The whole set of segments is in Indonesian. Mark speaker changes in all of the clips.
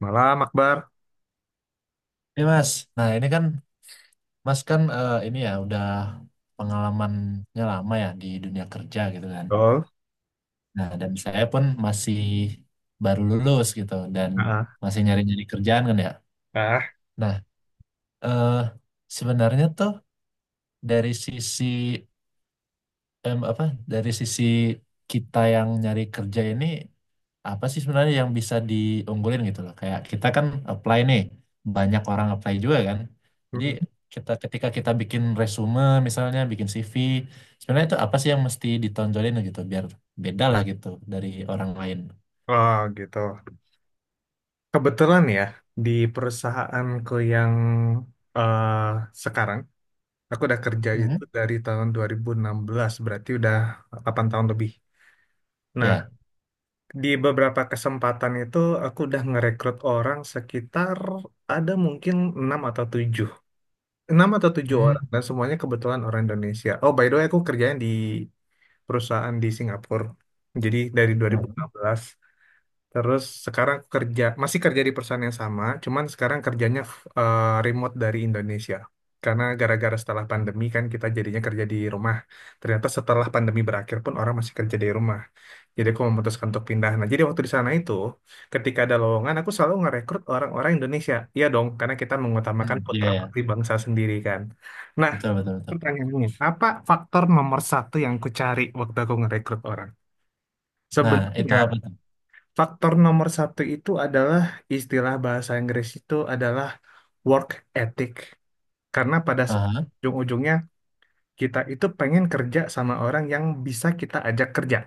Speaker 1: Malam, Akbar.
Speaker 2: Ini Mas, nah ini kan Mas kan ini ya udah pengalamannya lama ya di dunia kerja gitu kan.
Speaker 1: Betul.
Speaker 2: Nah dan saya pun masih baru lulus gitu dan
Speaker 1: Ah,
Speaker 2: masih nyari-nyari kerjaan kan ya.
Speaker 1: Ah,
Speaker 2: Nah eh, sebenarnya tuh dari sisi em, apa dari sisi kita yang nyari kerja ini apa sih sebenarnya yang bisa diunggulin gitu loh. Kayak kita kan apply nih, banyak orang apply juga kan. Jadi
Speaker 1: mm,
Speaker 2: kita ketika kita bikin resume misalnya, bikin CV, sebenarnya itu apa sih yang mesti ditonjolin gitu biar beda lah gitu dari orang lain.
Speaker 1: oh, gitu. Kebetulan ya, di perusahaanku yang eh, sekarang, aku udah kerja itu
Speaker 2: Mhm.
Speaker 1: dari tahun 2016, berarti udah 8 tahun lebih. Nah,
Speaker 2: Ya.
Speaker 1: di beberapa kesempatan itu aku udah ngerekrut orang sekitar ada mungkin 6 atau 7, 6 atau tujuh
Speaker 2: Hmm.
Speaker 1: orang, dan semuanya kebetulan orang Indonesia. Oh, by the way, aku kerjanya di perusahaan di Singapura. Jadi dari
Speaker 2: Hmm.
Speaker 1: 2016. Terus sekarang aku kerja, masih kerja di perusahaan yang sama, cuman sekarang kerjanya remote dari Indonesia. Karena gara-gara setelah pandemi kan kita jadinya kerja di rumah. Ternyata setelah pandemi berakhir pun orang masih kerja di rumah. Jadi aku memutuskan untuk pindah. Nah, jadi waktu di sana itu, ketika ada lowongan, aku selalu ngerekrut orang-orang Indonesia. Iya dong, karena kita mengutamakan
Speaker 2: Iya,
Speaker 1: putra
Speaker 2: ya.
Speaker 1: putri bangsa sendiri kan. Nah,
Speaker 2: Betul, betul, betul.
Speaker 1: pertanyaannya, apa faktor nomor satu yang ku cari waktu aku ngerekrut orang?
Speaker 2: Nah, itu
Speaker 1: Sebenarnya
Speaker 2: apa tuh?
Speaker 1: faktor nomor satu itu adalah istilah bahasa Inggris itu adalah work ethic. Karena pada
Speaker 2: Aha.
Speaker 1: ujung-ujungnya kita itu pengen kerja sama orang yang bisa kita ajak kerja.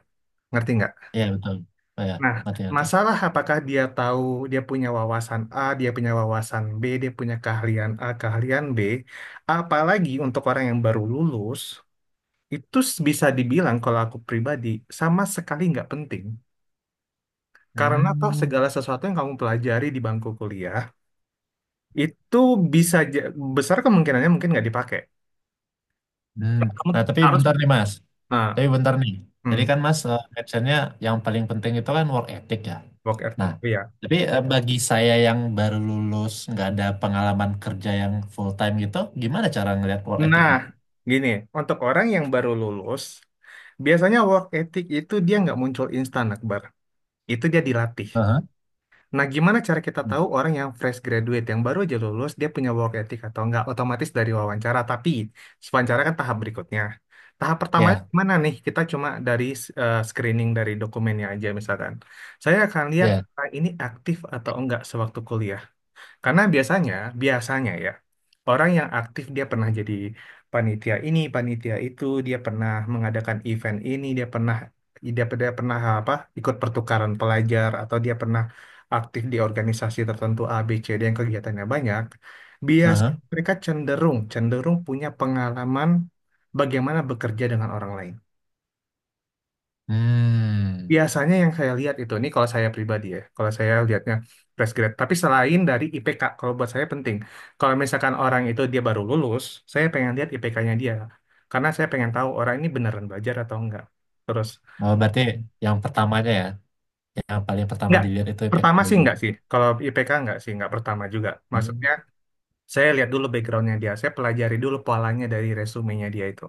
Speaker 1: Ngerti nggak?
Speaker 2: Iya, betul. Oh, ya.
Speaker 1: Nah,
Speaker 2: Mati, mati.
Speaker 1: masalah apakah dia tahu dia punya wawasan A, dia punya wawasan B, dia punya keahlian A, keahlian B. Apalagi untuk orang yang baru lulus, itu bisa dibilang kalau aku pribadi sama sekali nggak penting. Karena toh
Speaker 2: Hmm.
Speaker 1: segala sesuatu yang kamu pelajari di bangku kuliah itu bisa ja- besar kemungkinannya mungkin nggak dipakai.
Speaker 2: Hmm.
Speaker 1: Kamu
Speaker 2: Nah, tapi
Speaker 1: harus
Speaker 2: bentar nih, Mas.
Speaker 1: nah,
Speaker 2: Tapi bentar nih,
Speaker 1: hmm,
Speaker 2: tadi kan Mas mentionnya yang paling penting itu kan work ethic ya.
Speaker 1: work
Speaker 2: Nah,
Speaker 1: ethic, ya.
Speaker 2: tapi bagi saya yang baru lulus, nggak ada pengalaman kerja yang full time gitu, gimana cara ngelihat work
Speaker 1: Nah,
Speaker 2: ethicnya?
Speaker 1: gini, untuk orang yang baru lulus, biasanya work ethic itu dia nggak muncul instan, Akbar. Itu dia dilatih.
Speaker 2: Aha.
Speaker 1: Nah, gimana cara kita tahu orang yang fresh graduate, yang baru aja lulus, dia punya work ethic atau enggak? Otomatis dari wawancara, tapi wawancara kan tahap berikutnya. Tahap pertamanya
Speaker 2: Ya,
Speaker 1: gimana nih? Kita cuma dari screening dari dokumennya aja misalkan. Saya akan lihat
Speaker 2: ya.
Speaker 1: ini aktif atau enggak sewaktu kuliah. Karena biasanya, biasanya ya, orang yang aktif dia pernah jadi panitia ini, panitia itu, dia pernah mengadakan event ini, dia pernah dia pernah apa? Ikut pertukaran pelajar atau dia pernah aktif di organisasi tertentu A, B, C, D yang kegiatannya banyak. Hmm. Biasanya
Speaker 2: Aha.
Speaker 1: mereka cenderung cenderung punya pengalaman bagaimana bekerja dengan orang lain.
Speaker 2: Hmm.
Speaker 1: Biasanya yang saya lihat itu, ini kalau saya pribadi ya, kalau saya lihatnya fresh grade, tapi selain dari IPK, kalau buat saya penting, kalau misalkan orang itu dia baru lulus, saya pengen lihat IPK-nya dia, karena saya pengen tahu orang ini beneran belajar atau enggak. Terus
Speaker 2: Oh, berarti yang pertamanya ya, yang paling pertama
Speaker 1: enggak,
Speaker 2: dilihat itu impact
Speaker 1: pertama sih
Speaker 2: dulu.
Speaker 1: enggak sih, kalau IPK enggak sih, enggak pertama juga
Speaker 2: Hmm.
Speaker 1: maksudnya. Saya lihat dulu backgroundnya dia, saya pelajari dulu polanya dari resumenya dia itu.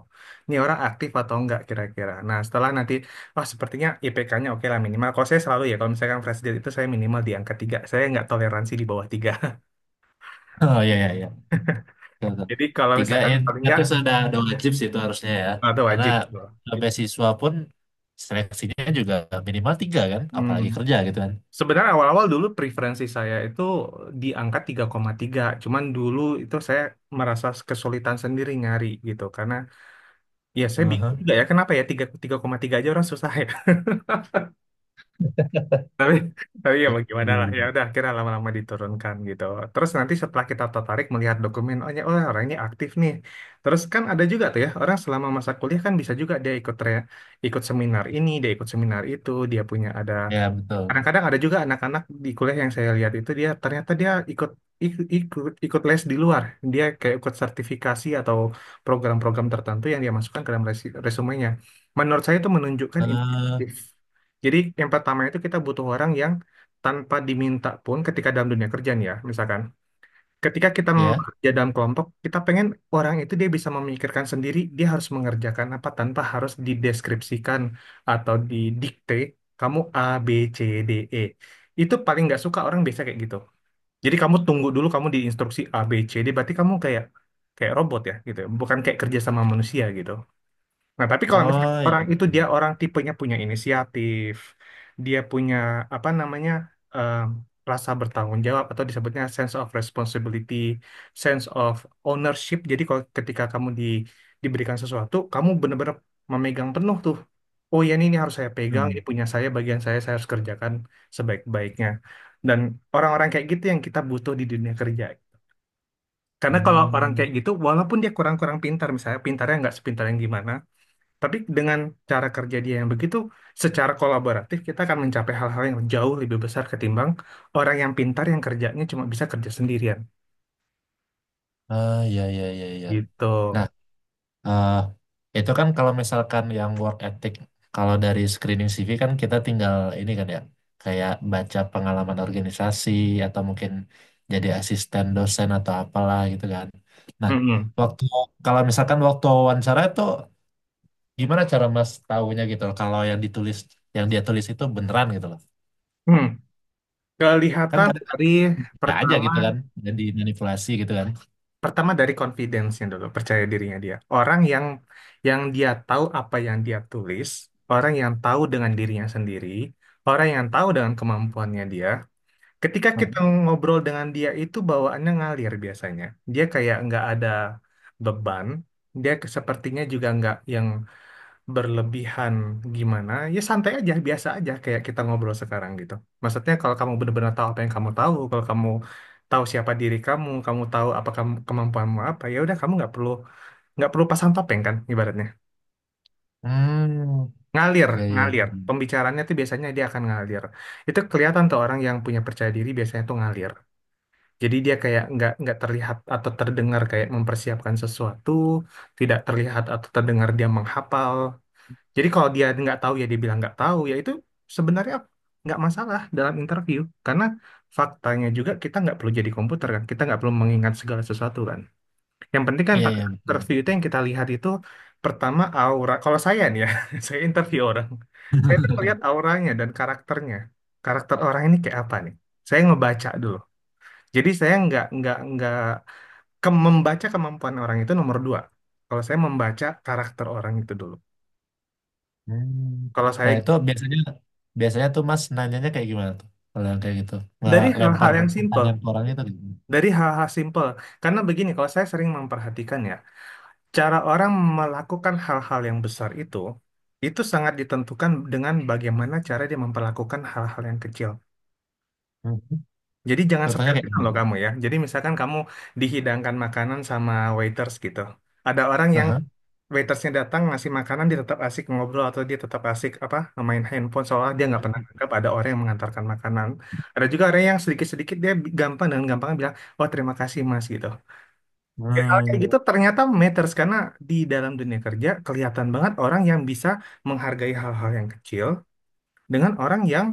Speaker 1: Ini orang aktif atau enggak kira-kira. Nah setelah nanti, oh sepertinya IPK-nya oke lah minimal. Kalau saya selalu ya, kalau misalkan fresh grade itu saya minimal di angka 3. Saya nggak toleransi di bawah tiga.
Speaker 2: Oh ya, ya. Tuh, tuh.
Speaker 1: Jadi kalau
Speaker 2: Tiga
Speaker 1: misalkan
Speaker 2: ya,
Speaker 1: paling
Speaker 2: tiga
Speaker 1: enggak,
Speaker 2: tuh sudah udah wajib sih itu harusnya ya.
Speaker 1: atau
Speaker 2: Karena
Speaker 1: wajib.
Speaker 2: beasiswa pun seleksinya juga minimal tiga kan,
Speaker 1: Hmm.
Speaker 2: apalagi kerja gitu kan.
Speaker 1: Sebenarnya awal-awal dulu preferensi saya itu di angka tiga koma tiga. Cuman dulu itu saya merasa kesulitan sendiri nyari gitu. Karena ya saya bingung
Speaker 2: Aha.
Speaker 1: juga ya, kenapa ya 3, 3,3 aja orang susah ya. tapi tapi ya
Speaker 2: Iya,
Speaker 1: bagaimana
Speaker 2: iya.
Speaker 1: lah, ya udah
Speaker 2: Iya.
Speaker 1: akhirnya lama-lama diturunkan gitu. Terus nanti setelah kita tertarik melihat dokumen, oh ya, oh, orangnya aktif nih. Terus kan ada juga tuh ya, orang selama masa kuliah kan bisa juga dia ikut seminar ini, dia ikut seminar itu, dia punya ada.
Speaker 2: Ya betul.
Speaker 1: Kadang-kadang ada juga anak-anak di kuliah yang saya lihat itu dia ternyata dia ikut les di luar. Dia kayak ikut sertifikasi atau program-program tertentu yang dia masukkan ke dalam resumenya. Menurut saya itu menunjukkan
Speaker 2: eh
Speaker 1: inisiatif. Jadi yang pertama itu kita butuh orang yang tanpa diminta pun ketika dalam dunia kerja nih ya, misalkan ketika kita
Speaker 2: Ya.
Speaker 1: bekerja dalam kelompok, kita pengen orang itu dia bisa memikirkan sendiri, dia harus mengerjakan apa tanpa harus dideskripsikan atau didikte, kamu A, B, C, D, E. Itu paling nggak suka orang biasa kayak gitu. Jadi kamu tunggu dulu kamu diinstruksi A, B, C, D, berarti kamu kayak kayak robot ya gitu, ya, bukan kayak kerja sama manusia gitu. Nah, tapi kalau misalnya
Speaker 2: Oh
Speaker 1: orang
Speaker 2: iya.
Speaker 1: itu dia orang tipenya punya inisiatif, dia punya apa namanya em, rasa bertanggung jawab atau disebutnya sense of responsibility, sense of ownership. Jadi kalau ketika kamu di, diberikan sesuatu, kamu benar-benar memegang penuh tuh. Oh ya ini harus saya pegang, ini
Speaker 2: Hmm.
Speaker 1: punya saya, bagian saya harus kerjakan sebaik-baiknya. Dan orang-orang kayak gitu yang kita butuh di dunia kerja. Karena kalau orang
Speaker 2: Hmm.
Speaker 1: kayak gitu, walaupun dia kurang-kurang pintar, misalnya pintarnya nggak sepintar yang gimana, tapi dengan cara kerja dia yang begitu, secara kolaboratif kita akan mencapai hal-hal yang jauh lebih besar ketimbang orang yang pintar yang kerjanya cuma bisa kerja sendirian.
Speaker 2: Ah, ya, ya, ya, ya.
Speaker 1: Gitu.
Speaker 2: Nah eh itu kan kalau misalkan yang work ethic, kalau dari screening CV kan kita tinggal ini kan ya, kayak baca pengalaman organisasi atau mungkin jadi asisten dosen atau apalah gitu kan. Nah,
Speaker 1: Mm-mm.
Speaker 2: waktu kalau misalkan waktu wawancara itu gimana cara Mas tahunya gitu loh, kalau yang dia tulis itu beneran gitu loh.
Speaker 1: Hmm.
Speaker 2: Kan
Speaker 1: Kelihatan
Speaker 2: kadang kan
Speaker 1: dari
Speaker 2: bisa aja
Speaker 1: pertama
Speaker 2: gitu kan, jadi manipulasi gitu kan.
Speaker 1: pertama dari confidence-nya dulu, percaya dirinya dia. Orang yang dia tahu apa yang dia tulis, orang yang tahu dengan dirinya sendiri, orang yang tahu dengan kemampuannya dia, ketika kita ngobrol dengan dia itu bawaannya ngalir biasanya. Dia kayak nggak ada beban. Sepertinya juga nggak yang berlebihan gimana. Ya santai aja, biasa aja kayak kita ngobrol sekarang gitu. Maksudnya kalau kamu benar-benar tahu apa yang kamu tahu, kalau kamu tahu siapa diri kamu, kamu tahu apa kamu, kemampuanmu apa, ya udah kamu nggak perlu pasang topeng kan ibaratnya.
Speaker 2: Hmm,
Speaker 1: Ngalir,
Speaker 2: ya, ya. Iya, iya.
Speaker 1: ngalir. Pembicaranya tuh biasanya dia akan ngalir. Itu kelihatan tuh orang yang punya percaya diri biasanya tuh ngalir. Jadi dia kayak nggak terlihat atau terdengar kayak mempersiapkan sesuatu, tidak terlihat atau terdengar dia menghafal. Jadi kalau dia nggak tahu ya dia bilang nggak tahu, ya itu sebenarnya nggak masalah dalam interview. Karena faktanya juga kita nggak perlu jadi komputer kan, kita nggak perlu mengingat segala sesuatu kan. Yang penting kan
Speaker 2: Iya,
Speaker 1: pada
Speaker 2: iya.
Speaker 1: interview itu yang kita lihat itu pertama aura. Kalau saya nih ya, saya interview orang, saya tuh ngelihat auranya dan karakternya. Karakter orang ini kayak apa nih? Saya ngebaca dulu. Jadi saya nggak ke membaca kemampuan orang itu nomor dua. Kalau saya membaca karakter orang itu dulu.
Speaker 2: Hmm.
Speaker 1: Kalau saya
Speaker 2: Nah, itu biasanya biasanya tuh Mas nanyanya kayak gimana tuh kalau yang kayak gitu, nggak
Speaker 1: dari
Speaker 2: lempar
Speaker 1: hal-hal yang simpel,
Speaker 2: pertanyaan ke orang itu gitu.
Speaker 1: dari hal-hal simpel. Karena begini, kalau saya sering memperhatikan ya, cara orang melakukan hal-hal yang besar itu sangat ditentukan dengan bagaimana cara dia memperlakukan hal-hal yang kecil.
Speaker 2: Hmm.
Speaker 1: Jadi jangan
Speaker 2: Contohnya kayak
Speaker 1: sepelekan
Speaker 2: gimana
Speaker 1: loh
Speaker 2: tuh?
Speaker 1: kamu ya. Jadi misalkan kamu dihidangkan makanan sama waiters gitu. Ada orang yang
Speaker 2: Aha.
Speaker 1: waitersnya datang ngasih makanan, dia tetap asik ngobrol, atau dia tetap asik apa, main handphone, soalnya dia nggak pernah anggap ada orang yang mengantarkan makanan. Ada juga orang yang sedikit-sedikit gampang, dengan gampang bilang, wah, terima kasih mas, gitu. Hal kayak
Speaker 2: Hmm.
Speaker 1: gitu ternyata matters, karena di dalam dunia kerja kelihatan banget orang yang bisa menghargai hal-hal yang kecil dengan orang yang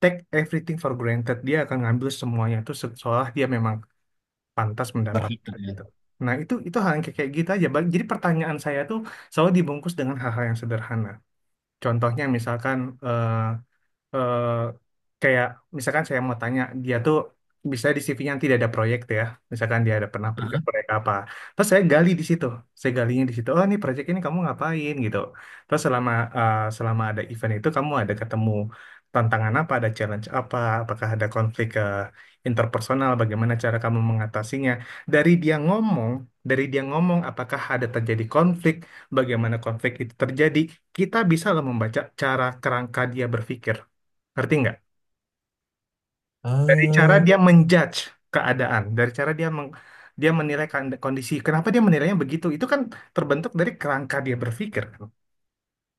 Speaker 1: take everything for granted, dia akan ngambil semuanya itu seolah dia memang pantas
Speaker 2: Berhak gitu
Speaker 1: mendapatkan
Speaker 2: ya.
Speaker 1: gitu. Nah, itu hal yang kayak kayak gitu aja, Bang. Jadi pertanyaan saya tuh selalu dibungkus dengan hal-hal yang sederhana. Contohnya misalkan eh, eh, kayak misalkan saya mau tanya dia tuh, bisa di CV-nya nanti dia ada proyek tuh ya, misalkan dia ada pernah ikut
Speaker 2: Aha.
Speaker 1: proyek apa, terus saya gali di situ, saya galinya di situ, oh ini proyek ini kamu ngapain gitu, terus selama selama ada event itu kamu ada ketemu tantangan apa, ada challenge apa, apakah ada konflik interpersonal, bagaimana cara kamu mengatasinya. Dari dia ngomong, dari dia ngomong apakah ada terjadi konflik, bagaimana konflik itu terjadi, kita bisa loh membaca cara kerangka dia berpikir. Ngerti nggak? Dari cara
Speaker 2: Ah,
Speaker 1: dia menjudge keadaan, dari cara dia menilai kondisi. Kenapa dia menilainya begitu? Itu kan terbentuk dari kerangka dia berpikir, kan.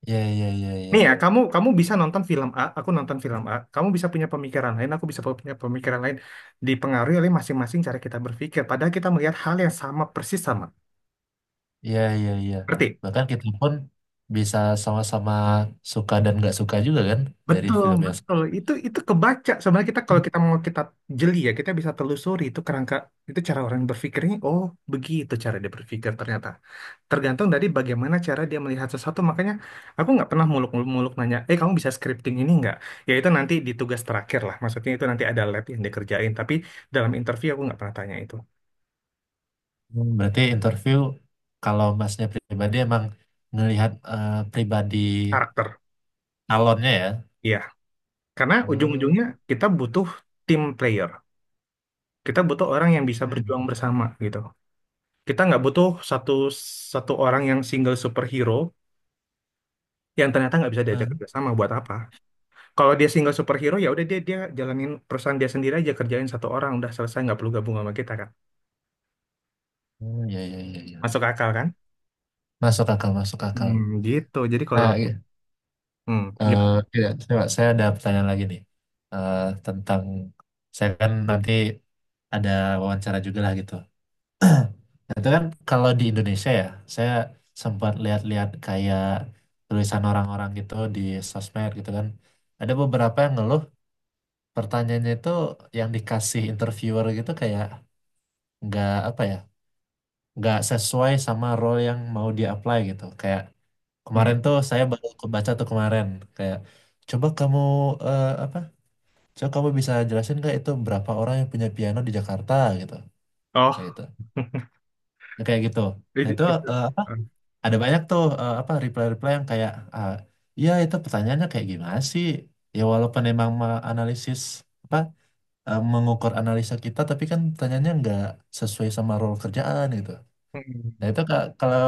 Speaker 2: ya, ya, ya,
Speaker 1: Nih ya,
Speaker 2: ya,
Speaker 1: kamu kamu bisa nonton film A, aku nonton film A. Kamu bisa punya pemikiran lain, aku bisa punya pemikiran lain. Dipengaruhi oleh masing-masing cara kita berpikir. Padahal kita melihat hal yang sama persis sama.
Speaker 2: ya, ya, ya.
Speaker 1: Ngerti?
Speaker 2: Bahkan kita pun bisa sama-sama suka dan nggak suka juga kan dari
Speaker 1: Betul,
Speaker 2: film yang
Speaker 1: betul.
Speaker 2: sama.
Speaker 1: Itu kebaca. Sebenarnya kita kalau kita mau kita jeli ya, kita bisa telusuri itu kerangka, itu cara orang berpikirnya. Oh, begitu cara dia berpikir ternyata. Tergantung dari bagaimana cara dia melihat sesuatu, makanya aku nggak pernah muluk-muluk nanya, eh kamu bisa scripting ini nggak, ya itu nanti di tugas terakhir lah, maksudnya itu nanti ada lab yang dikerjain, tapi dalam interview aku nggak pernah tanya itu.
Speaker 2: Hmm, berarti interview kalau masnya pribadi emang ngelihat pribadi
Speaker 1: Karakter
Speaker 2: calonnya ya.
Speaker 1: ya, karena ujung-ujungnya kita butuh team player, kita butuh orang yang bisa
Speaker 2: Hmm.
Speaker 1: berjuang bersama gitu. Kita nggak butuh satu satu orang yang single superhero yang ternyata nggak bisa
Speaker 2: Ah,
Speaker 1: diajak kerjasama, buat apa? Kalau dia single superhero ya udah dia, dia jalanin perusahaan dia sendiri aja, kerjain satu orang udah selesai, nggak perlu gabung sama kita kan.
Speaker 2: oh, ya, ya, ya, ya.
Speaker 1: Masuk akal kan?
Speaker 2: Masuk akal, masuk akal.
Speaker 1: Hmm, gitu. Jadi kalau
Speaker 2: Nah,
Speaker 1: hmm,
Speaker 2: eh,
Speaker 1: gimana?
Speaker 2: iya, coba saya ada pertanyaan lagi nih. Tentang saya kan nanti ada wawancara juga lah gitu. Nah, itu kan kalau di Indonesia ya, saya sempat lihat-lihat kayak tulisan orang-orang gitu di sosmed gitu kan. Ada beberapa yang ngeluh pertanyaannya itu yang dikasih interviewer gitu kayak nggak apa ya, nggak sesuai sama role yang mau dia apply gitu. Kayak kemarin
Speaker 1: Hmm.
Speaker 2: tuh saya baru kebaca tuh kemarin kayak, coba kamu eh, apa? coba kamu bisa jelasin nggak itu berapa orang yang punya piano di Jakarta gitu.
Speaker 1: Oh,
Speaker 2: Kayak gitu. Nah, kayak gitu. Nah,
Speaker 1: itu,
Speaker 2: itu
Speaker 1: itu.
Speaker 2: eh, apa? ada banyak tuh eh, apa reply-reply yang kayak, ah, iya itu pertanyaannya kayak gimana sih? Ya walaupun emang apa mengukur analisa kita tapi kan pertanyaannya nggak sesuai sama role kerjaan gitu. Nah,
Speaker 1: Hmm.
Speaker 2: itu kalau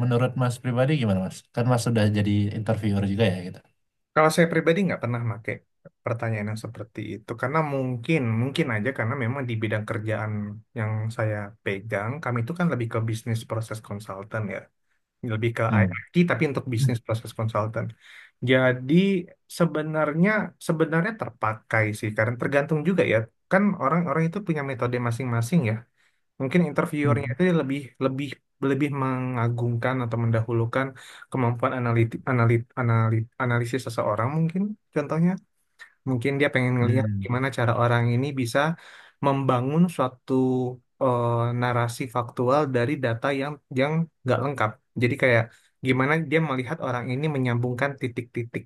Speaker 2: menurut Mas pribadi gimana Mas? Kan Mas sudah jadi interviewer juga ya gitu.
Speaker 1: Kalau saya pribadi nggak pernah pakai pertanyaan yang seperti itu, karena mungkin mungkin aja, karena memang di bidang kerjaan yang saya pegang, kami itu kan lebih ke bisnis proses konsultan ya, lebih ke
Speaker 2: Hmm.
Speaker 1: IT, tapi untuk bisnis proses konsultan jadi sebenarnya, sebenarnya terpakai sih, karena tergantung juga ya, kan orang-orang itu punya metode masing-masing ya. Mungkin interviewernya itu lebih lebih lebih mengagungkan atau mendahulukan kemampuan analitik analit, analit, analisis seseorang mungkin. Contohnya, mungkin dia pengen ngelihat
Speaker 2: Hmm.
Speaker 1: gimana cara orang ini bisa membangun suatu eh, narasi faktual dari data yang nggak lengkap. Jadi kayak gimana dia melihat orang ini menyambungkan titik-titik.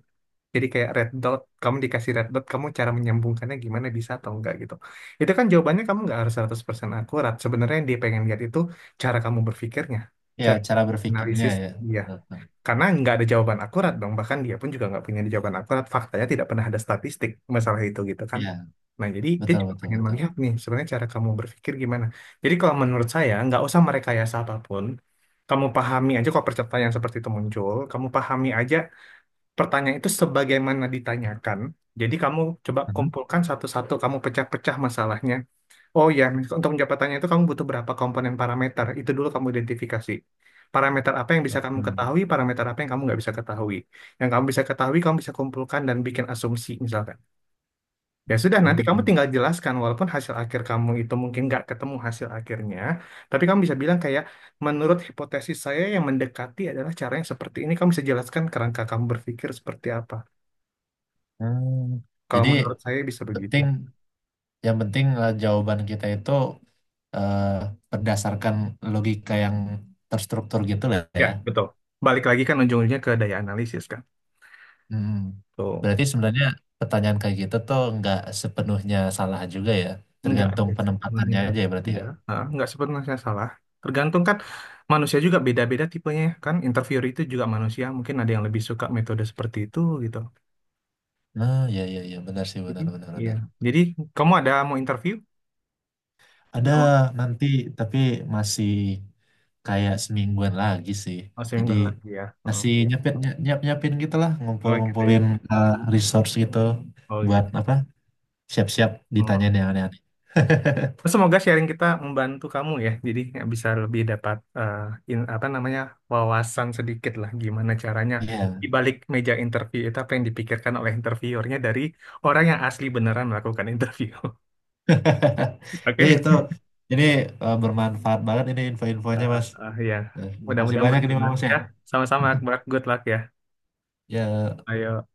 Speaker 1: Jadi kayak red dot, kamu dikasih red dot, kamu cara menyambungkannya gimana, bisa atau enggak gitu. Itu kan jawabannya kamu nggak harus 100% akurat. Sebenarnya yang dia pengen lihat itu cara kamu berpikirnya,
Speaker 2: Ya,
Speaker 1: cara
Speaker 2: cara berpikirnya
Speaker 1: analisis
Speaker 2: ya.
Speaker 1: dia.
Speaker 2: Betul.
Speaker 1: Karena nggak ada jawaban akurat dong, bahkan dia pun juga nggak punya jawaban akurat. Faktanya tidak pernah ada statistik masalah itu gitu kan.
Speaker 2: Ya,
Speaker 1: Nah, jadi dia
Speaker 2: betul,
Speaker 1: cuma
Speaker 2: betul,
Speaker 1: pengen
Speaker 2: betul.
Speaker 1: melihat nih sebenarnya cara kamu berpikir gimana. Jadi kalau menurut saya nggak usah merekayasa apapun. Kamu pahami aja kok pertanyaan seperti itu muncul. Kamu pahami aja pertanyaan itu sebagaimana ditanyakan. Jadi kamu coba
Speaker 2: Mhm.
Speaker 1: kumpulkan satu-satu, kamu pecah-pecah masalahnya. Oh ya, untuk penjabatannya itu kamu butuh berapa komponen parameter. Itu dulu kamu identifikasi. Parameter apa yang bisa kamu
Speaker 2: Mhm.
Speaker 1: ketahui, parameter apa yang kamu nggak bisa ketahui. Yang kamu bisa ketahui, kamu bisa kumpulkan dan bikin asumsi misalkan. Ya sudah, nanti kamu
Speaker 2: Hmm.
Speaker 1: tinggal jelaskan walaupun hasil akhir kamu itu mungkin nggak ketemu hasil akhirnya. Tapi kamu bisa bilang kayak, menurut hipotesis saya yang mendekati adalah cara yang seperti ini. Kamu bisa jelaskan kerangka kamu berpikir seperti apa.
Speaker 2: Hmm.
Speaker 1: Kalau
Speaker 2: Jadi
Speaker 1: menurut saya bisa begitu.
Speaker 2: penting, yang penting jawaban kita itu eh, berdasarkan logika yang terstruktur gitu lah
Speaker 1: Ya,
Speaker 2: ya.
Speaker 1: betul. Balik lagi kan ujung-ujungnya ke daya analisis kan.
Speaker 2: Hmm.
Speaker 1: Tuh.
Speaker 2: Berarti sebenarnya pertanyaan kayak gitu tuh nggak sepenuhnya salah juga ya.
Speaker 1: Enggak,
Speaker 2: Tergantung
Speaker 1: guys.
Speaker 2: penempatannya
Speaker 1: Alhamdulillah.
Speaker 2: aja ya berarti ya.
Speaker 1: Iya, heeh, enggak sepenuhnya salah. Tergantung kan manusia juga beda-beda tipenya ya, kan. Interviewer itu juga manusia, mungkin ada yang lebih suka metode seperti itu gitu.
Speaker 2: Nah, ya, ya, ya, benar sih,
Speaker 1: Jadi,
Speaker 2: benar, benar,
Speaker 1: iya.
Speaker 2: benar.
Speaker 1: Jadi kamu ada mau interview?
Speaker 2: Ada
Speaker 1: Udah mau?
Speaker 2: nanti, tapi masih kayak semingguan lagi sih.
Speaker 1: Oh,
Speaker 2: Jadi
Speaker 1: seminggu lagi ya. Heeh.
Speaker 2: masih nyepet nyiapin gitu lah, ngumpul
Speaker 1: Oh gitu ya.
Speaker 2: ngumpulin uh, resource gitu
Speaker 1: Oh
Speaker 2: buat
Speaker 1: gitu.
Speaker 2: apa? Siap-siap
Speaker 1: Heeh.
Speaker 2: ditanyain yang aneh-aneh.
Speaker 1: Oh, semoga sharing kita membantu kamu ya. Jadi nggak bisa lebih dapat apa namanya, wawasan sedikit lah gimana caranya
Speaker 2: Iya.
Speaker 1: di balik meja interview itu apa yang dipikirkan oleh interviewernya dari orang yang asli beneran melakukan interview. Oke.
Speaker 2: Iya, itu ini bermanfaat banget ini
Speaker 1: Ah,
Speaker 2: info-infonya
Speaker 1: ah,
Speaker 2: Mas.
Speaker 1: ah, ya.
Speaker 2: Makasih
Speaker 1: Mudah-mudahan
Speaker 2: banyak ini
Speaker 1: berguna
Speaker 2: Mas ya.
Speaker 1: ya. Sama-sama Akbar, good luck ya.
Speaker 2: Ya.
Speaker 1: Ayo.